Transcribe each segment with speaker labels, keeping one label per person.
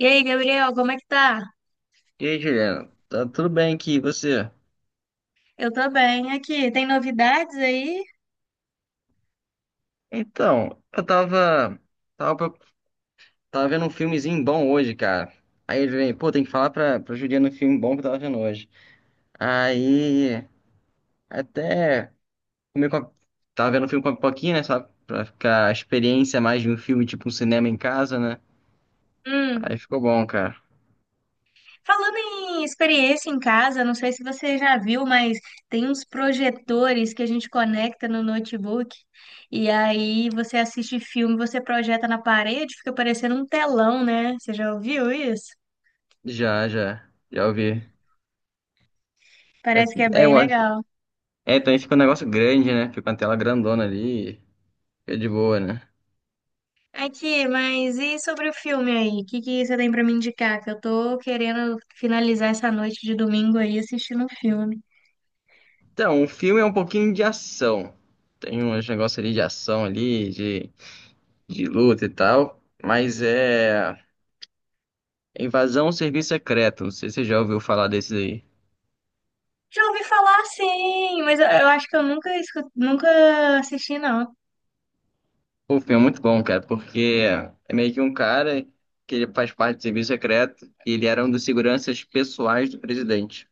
Speaker 1: E aí, Gabriel, como é que tá?
Speaker 2: E aí, Juliana, tá tudo bem aqui, e você?
Speaker 1: Eu tô bem aqui. Tem novidades aí?
Speaker 2: Então, eu tava, tava, pro- tava vendo um filmezinho bom hoje, cara. Aí ele vem, pô, tem que falar pra Juliana um filme bom que eu tava vendo hoje. Aí, até comi com a- tava vendo um filme com a pipoquinha, né, sabe? Pra ficar a experiência mais de um filme, tipo um cinema em casa, né?
Speaker 1: Hum.
Speaker 2: Aí ficou bom, cara.
Speaker 1: Falando em experiência em casa, não sei se você já viu, mas tem uns projetores que a gente conecta no notebook e aí você assiste filme, você projeta na parede, fica parecendo um telão, né? Você já ouviu isso?
Speaker 2: Já ouvi. É,
Speaker 1: Parece que é
Speaker 2: é,
Speaker 1: bem
Speaker 2: eu acho-
Speaker 1: legal.
Speaker 2: É, também fica um negócio grande, né? Fica uma tela grandona ali, fica de boa, né?
Speaker 1: Aqui, mas e sobre o filme aí? O que que você tem pra me indicar? Que eu tô querendo finalizar essa noite de domingo aí assistindo um filme.
Speaker 2: Então, o filme é um pouquinho de ação. Tem uns negócios ali de ação ali, de luta e tal. Mas é Invasão ao Serviço Secreto. Não sei se você já ouviu falar desse aí.
Speaker 1: Já ouvi falar sim, mas eu acho que eu nunca nunca assisti, não.
Speaker 2: O filme é muito bom, cara, porque é meio que um cara que ele faz parte do serviço secreto e ele era um dos seguranças pessoais do presidente.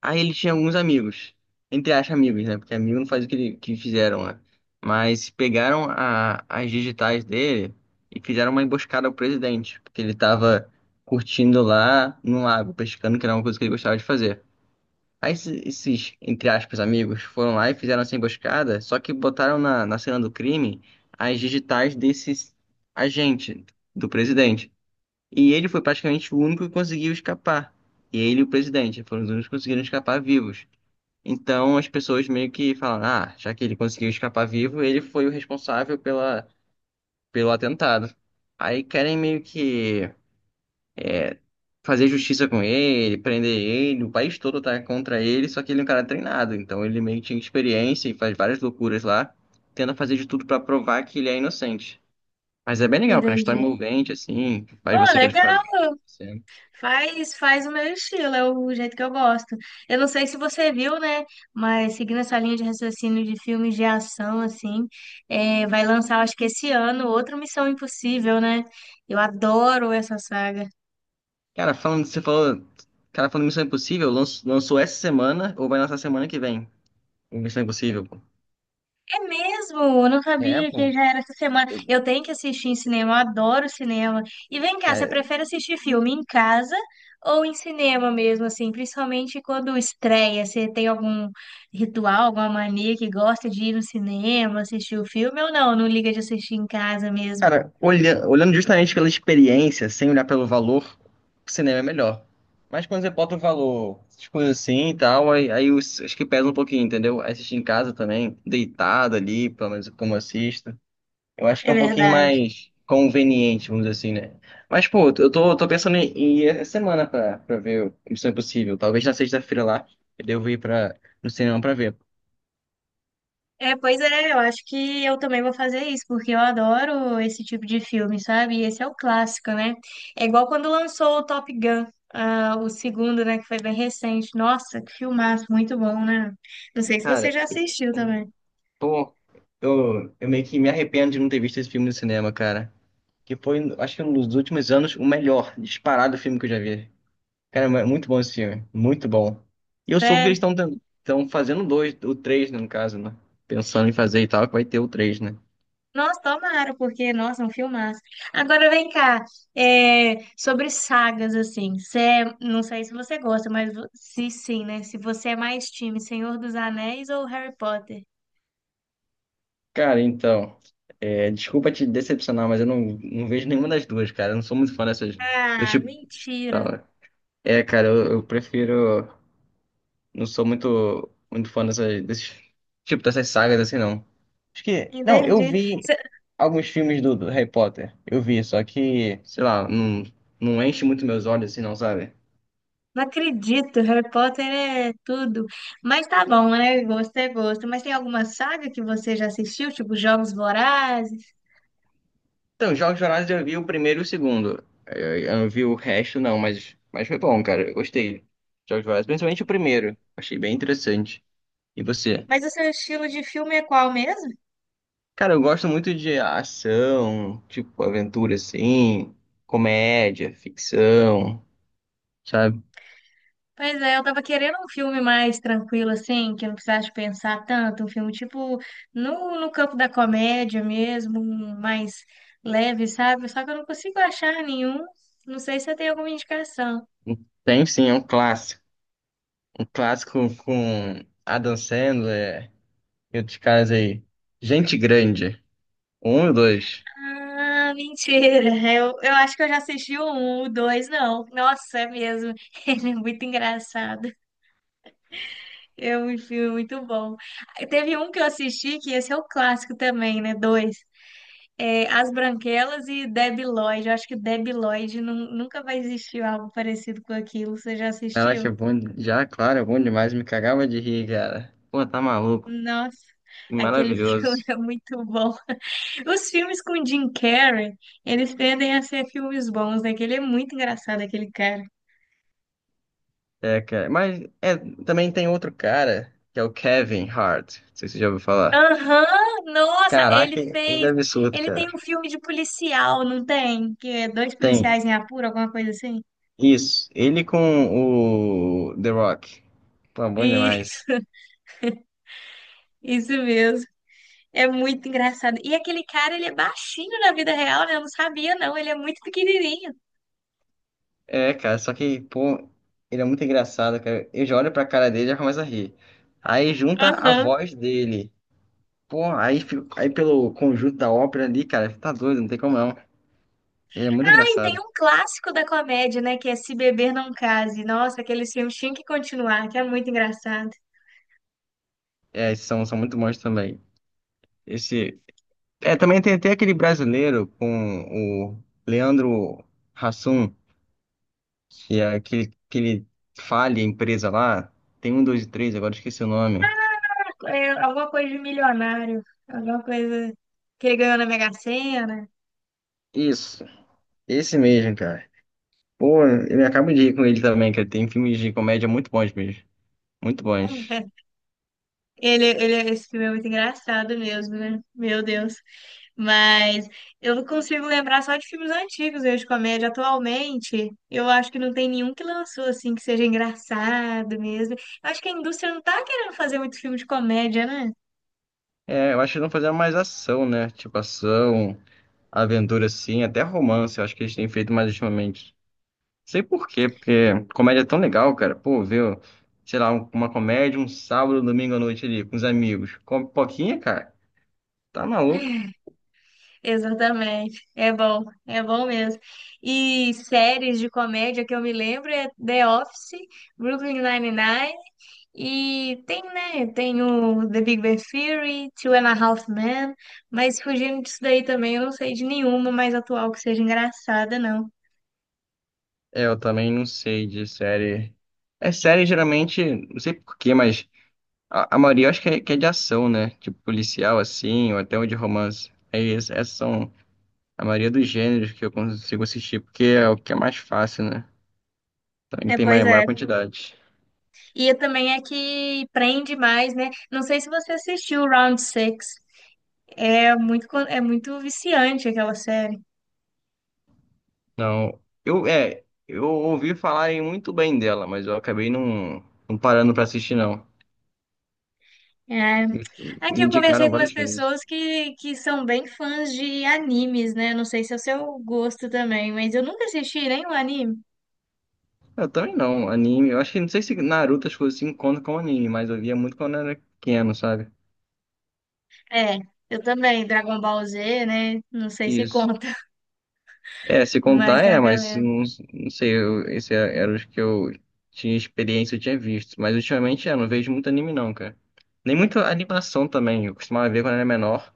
Speaker 2: Aí ele tinha alguns amigos, entre aspas, amigos, né? Porque amigo não faz o que, ele, que fizeram lá. Mas as digitais dele e fizeram uma emboscada ao presidente, porque ele tava curtindo lá no lago, pescando, que era uma coisa que ele gostava de fazer. Aí esses, entre aspas, amigos foram lá e fizeram essa emboscada, só que botaram na cena do crime as digitais desses agente do presidente. E ele foi praticamente o único que conseguiu escapar. E ele e o presidente foram os únicos que conseguiram escapar vivos. Então as pessoas meio que falam, ah, já que ele conseguiu escapar vivo, ele foi o responsável pelo atentado. Aí querem meio que fazer justiça com ele, prender ele, o país todo tá contra ele, só que ele é um cara treinado, então ele meio que tinha experiência e faz várias loucuras lá, tenta fazer de tudo pra provar que ele é inocente. Mas é bem legal, cara, a história é
Speaker 1: Entendi.
Speaker 2: envolvente, assim, faz
Speaker 1: Oh,
Speaker 2: você querer
Speaker 1: legal.
Speaker 2: ficar vendo o que tá acontecendo.
Speaker 1: Faz, faz o meu estilo, é o jeito que eu gosto. Eu não sei se você viu, né? Mas seguindo essa linha de raciocínio de filmes de ação, assim, é, vai lançar, acho que esse ano, outra Missão Impossível, né? Eu adoro essa saga.
Speaker 2: Cara, falando, você falou, cara, falando Missão Impossível, lançou essa semana ou vai lançar semana que vem? O Missão Impossível.
Speaker 1: É mesmo, eu não
Speaker 2: É,
Speaker 1: sabia que
Speaker 2: pô,
Speaker 1: já era essa semana. Eu tenho que assistir em cinema, eu adoro cinema. E vem cá, você
Speaker 2: cara,
Speaker 1: prefere assistir filme em casa ou em cinema mesmo, assim? Principalmente quando estreia, você tem algum ritual, alguma mania que gosta de ir no cinema, assistir o filme ou não? Não liga de assistir em casa mesmo.
Speaker 2: olhando justamente pela experiência, sem olhar pelo valor, o cinema é melhor. Mas quando você bota o valor, essas coisas assim e tal, aí acho que pesa um pouquinho, entendeu? Aí assistir em casa também, deitado ali, pelo menos como eu assisto. Eu acho que
Speaker 1: É
Speaker 2: é um pouquinho
Speaker 1: verdade.
Speaker 2: mais conveniente, vamos dizer assim, né? Mas, pô, eu tô pensando em ir essa semana pra ver o Missão Impossível. Talvez na sexta-feira lá, eu devo ir no cinema pra ver.
Speaker 1: É, pois é, eu acho que eu também vou fazer isso, porque eu adoro esse tipo de filme, sabe? E esse é o clássico, né? É igual quando lançou o Top Gun, ah, o segundo, né, que foi bem recente. Nossa, que filmaço, muito bom, né? Não sei se
Speaker 2: Cara.
Speaker 1: você já assistiu também.
Speaker 2: Pô, eu meio que me arrependo de não ter visto esse filme no cinema, cara. Que foi, acho que nos últimos anos, o melhor disparado filme que eu já vi. Cara, é muito bom esse filme, muito bom. E eu soube que eles
Speaker 1: Sério?
Speaker 2: estão fazendo dois, o três, né, no caso, né? Pensando em fazer e tal, que vai ter o três, né?
Speaker 1: Nossa, tomara, porque, nossa, é um filmaço. Agora vem cá, é, sobre sagas, assim, não sei se você gosta, mas se sim, né? Se você é mais time Senhor dos Anéis ou Harry Potter?
Speaker 2: Cara, então, é, desculpa te decepcionar, mas eu não, não vejo nenhuma das duas, cara. Eu não sou muito fã dessas. Eu,
Speaker 1: Ah,
Speaker 2: tipo,
Speaker 1: mentira.
Speaker 2: tá, é, cara, eu prefiro. Não sou muito, muito fã tipo, dessas sagas assim, não. Acho que. Não, eu
Speaker 1: Entendi.
Speaker 2: vi
Speaker 1: Cê-
Speaker 2: alguns filmes do Harry Potter. Eu vi, só que, sei lá, não enche muito meus olhos assim, não, sabe?
Speaker 1: Não acredito, Harry Potter é tudo. Mas tá bom, né? Gosto é gosto. Mas tem alguma saga que você já assistiu, tipo Jogos Vorazes?
Speaker 2: Então, Jogos Vorazes eu vi o primeiro e o segundo. Eu não vi o resto, não, mas foi bom, cara. Eu gostei. Jogos Vorazes, principalmente o primeiro. Achei bem interessante. E você?
Speaker 1: Mas o seu estilo de filme é qual mesmo?
Speaker 2: Cara, eu gosto muito de ação, tipo, aventura assim, comédia, ficção. Sabe?
Speaker 1: Pois é, eu tava querendo um filme mais tranquilo, assim, que eu não precisasse pensar tanto. Um filme tipo no campo da comédia mesmo, um mais leve, sabe? Só que eu não consigo achar nenhum. Não sei se você tem alguma indicação.
Speaker 2: Tem sim, é um clássico. Um clássico com Adam Sandler e outros caras aí. Gente Grande. Um e dois.
Speaker 1: Ah, mentira. Eu acho que eu já assisti o um, o dois, não. Nossa, é mesmo. Ele é muito engraçado. É um filme muito bom. Aí teve um que eu assisti, que esse é o clássico também, né? Dois. É, As Branquelas e Debi Lloyd. Eu acho que Debi Lloyd nunca vai existir algo parecido com aquilo. Você já
Speaker 2: Caraca, é
Speaker 1: assistiu?
Speaker 2: bom. Já, claro, é bom demais. Me cagava de rir, cara. Pô, tá maluco.
Speaker 1: Nossa,
Speaker 2: Que
Speaker 1: aquele filme
Speaker 2: maravilhoso.
Speaker 1: é muito bom. Os filmes com Jim Carrey, eles tendem a ser filmes bons, né? Que ele é muito engraçado, aquele cara.
Speaker 2: É, cara. Mas é, também tem outro cara, que é o Kevin Hart. Não sei se você já ouviu falar.
Speaker 1: Aham, nossa, ele
Speaker 2: Caraca, ele é
Speaker 1: fez.
Speaker 2: absurdo,
Speaker 1: Ele tem
Speaker 2: cara.
Speaker 1: um filme de policial, não tem? Que é dois
Speaker 2: Tem.
Speaker 1: policiais em apuro, alguma coisa assim?
Speaker 2: Isso. Ele com o The Rock. Pô, bom
Speaker 1: Isso,
Speaker 2: demais.
Speaker 1: isso mesmo. É muito engraçado. E aquele cara, ele é baixinho na vida real, né? Eu não sabia, não. Ele é muito pequenininho.
Speaker 2: É, cara, só que, pô, ele é muito engraçado, cara. Eu já olho pra cara dele e já começo a rir. Aí junta a
Speaker 1: Aham.
Speaker 2: voz dele. Pô, aí, aí pelo conjunto da ópera ali, cara, tá doido, não tem como não. Ele é muito
Speaker 1: Ah, e tem
Speaker 2: engraçado.
Speaker 1: um clássico da comédia, né? Que é Se Beber Não Case. Nossa, aquele filme tinha que continuar, que é muito engraçado.
Speaker 2: É, esses são, são muito bons também. Esse. É, também tem até aquele brasileiro com o Leandro Hassum, que é aquele falha empresa lá. Tem um, dois e três, agora eu esqueci o nome.
Speaker 1: É alguma coisa de milionário, alguma coisa que ele ganhou na Mega Sena.
Speaker 2: Isso, esse mesmo, cara. Pô, eu me acabo de rir com ele também, que tem filmes de comédia muito bons mesmo. Muito bons.
Speaker 1: Esse filme é muito engraçado mesmo, né? Meu Deus. Mas eu consigo lembrar só de filmes antigos eu de comédia. Atualmente, eu acho que não tem nenhum que lançou assim que seja engraçado mesmo. Eu acho que a indústria não tá querendo fazer muito filme de comédia, né?
Speaker 2: É, eu acho que eles não fazendo mais ação, né? Tipo ação, aventura assim, até romance, eu acho que eles têm feito mais ultimamente. Sei por quê, porque comédia é tão legal, cara. Pô, viu? Sei lá, uma comédia, um sábado, um domingo à noite ali, com os amigos. Com pipoquinha, cara, tá maluco?
Speaker 1: Exatamente. É bom mesmo. E séries de comédia que eu me lembro é The Office, Brooklyn Nine-Nine. E tem, né? Tem o The Big Bang Theory, Two and a Half Men, mas fugindo disso daí também, eu não sei de nenhuma mais atual que seja engraçada, não.
Speaker 2: É, eu também não sei de série. É série geralmente, não sei por quê, mas. A maioria eu acho que que é de ação, né? Tipo policial, assim, ou até um de romance. Aí essas são a maioria dos gêneros que eu consigo assistir, porque é o que é mais fácil, né? Então,
Speaker 1: É,
Speaker 2: tem
Speaker 1: pois é.
Speaker 2: maior quantidade.
Speaker 1: E é também é que prende mais, né? Não sei se você assistiu o Round Six. É muito, é muito viciante aquela série.
Speaker 2: Não, eu ouvi falarem muito bem dela, mas eu acabei não parando pra assistir, não.
Speaker 1: É.
Speaker 2: Me
Speaker 1: Aqui
Speaker 2: Me
Speaker 1: eu
Speaker 2: indicaram
Speaker 1: conversei com umas
Speaker 2: várias vezes.
Speaker 1: pessoas que são bem fãs de animes, né? Não sei se é o seu gosto também, mas eu nunca assisti nenhum anime.
Speaker 2: Eu também não, anime. Eu acho que não sei se Naruto as coisas se encontram com anime, mas eu via muito quando eu era pequeno, sabe?
Speaker 1: É, eu também, Dragon Ball Z, né? Não sei se
Speaker 2: Isso.
Speaker 1: conta,
Speaker 2: É, se
Speaker 1: mas
Speaker 2: contar
Speaker 1: tem
Speaker 2: é,
Speaker 1: uma
Speaker 2: mas
Speaker 1: galera.
Speaker 2: não, não sei, eu, era os que eu tinha experiência, eu tinha visto. Mas ultimamente, é, não vejo muito anime não, cara. Nem muita animação também, eu costumava ver quando era menor,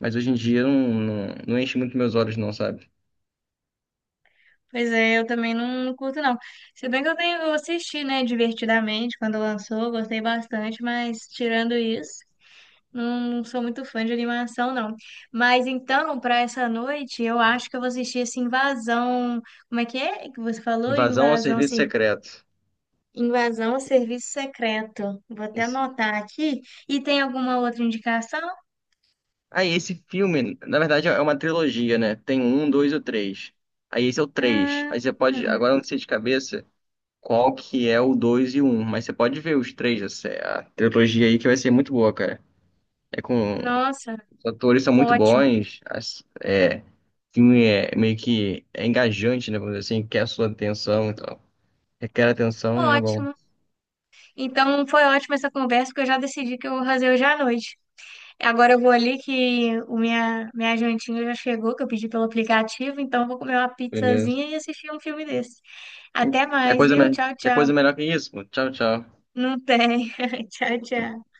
Speaker 2: mas hoje em dia não, não enche muito meus olhos não, sabe?
Speaker 1: Pois é, eu também não, não curto, não. Se bem que eu tenho, eu assisti, né, divertidamente quando lançou, gostei bastante, mas tirando isso, não sou muito fã de animação, não. Mas então, para essa noite, eu acho que eu vou assistir esse Invasão. Como é que você falou?
Speaker 2: Invasão ao Serviço Secreto.
Speaker 1: Invasão ao Serviço Secreto. Vou até
Speaker 2: Esse.
Speaker 1: anotar aqui. E tem alguma outra indicação?
Speaker 2: Ah, e esse filme, na verdade é uma trilogia, né? Tem um, dois ou três. Aí esse é o três. Aí
Speaker 1: Ah,
Speaker 2: você pode, agora eu não sei de cabeça qual que é o dois e o um, mas você pode ver os três, é a trilogia aí que vai ser muito boa, cara. É com...
Speaker 1: nossa.
Speaker 2: Os atores são muito
Speaker 1: Ótimo,
Speaker 2: bons. As... É... O filme é meio que engajante, né? Vamos dizer assim, quer a sua atenção e tal. Requer atenção, é bom.
Speaker 1: ótimo. Então foi ótima essa conversa, porque eu já decidi que eu vou fazer hoje à noite. Agora eu vou ali que o minha jantinha já chegou, que eu pedi pelo aplicativo, então eu vou comer uma
Speaker 2: Beleza.
Speaker 1: pizzazinha e assistir um filme desse. Até mais, viu? Tchau,
Speaker 2: Quer
Speaker 1: tchau.
Speaker 2: coisa melhor que isso? Tchau, tchau.
Speaker 1: Não tem. Tchau, tchau.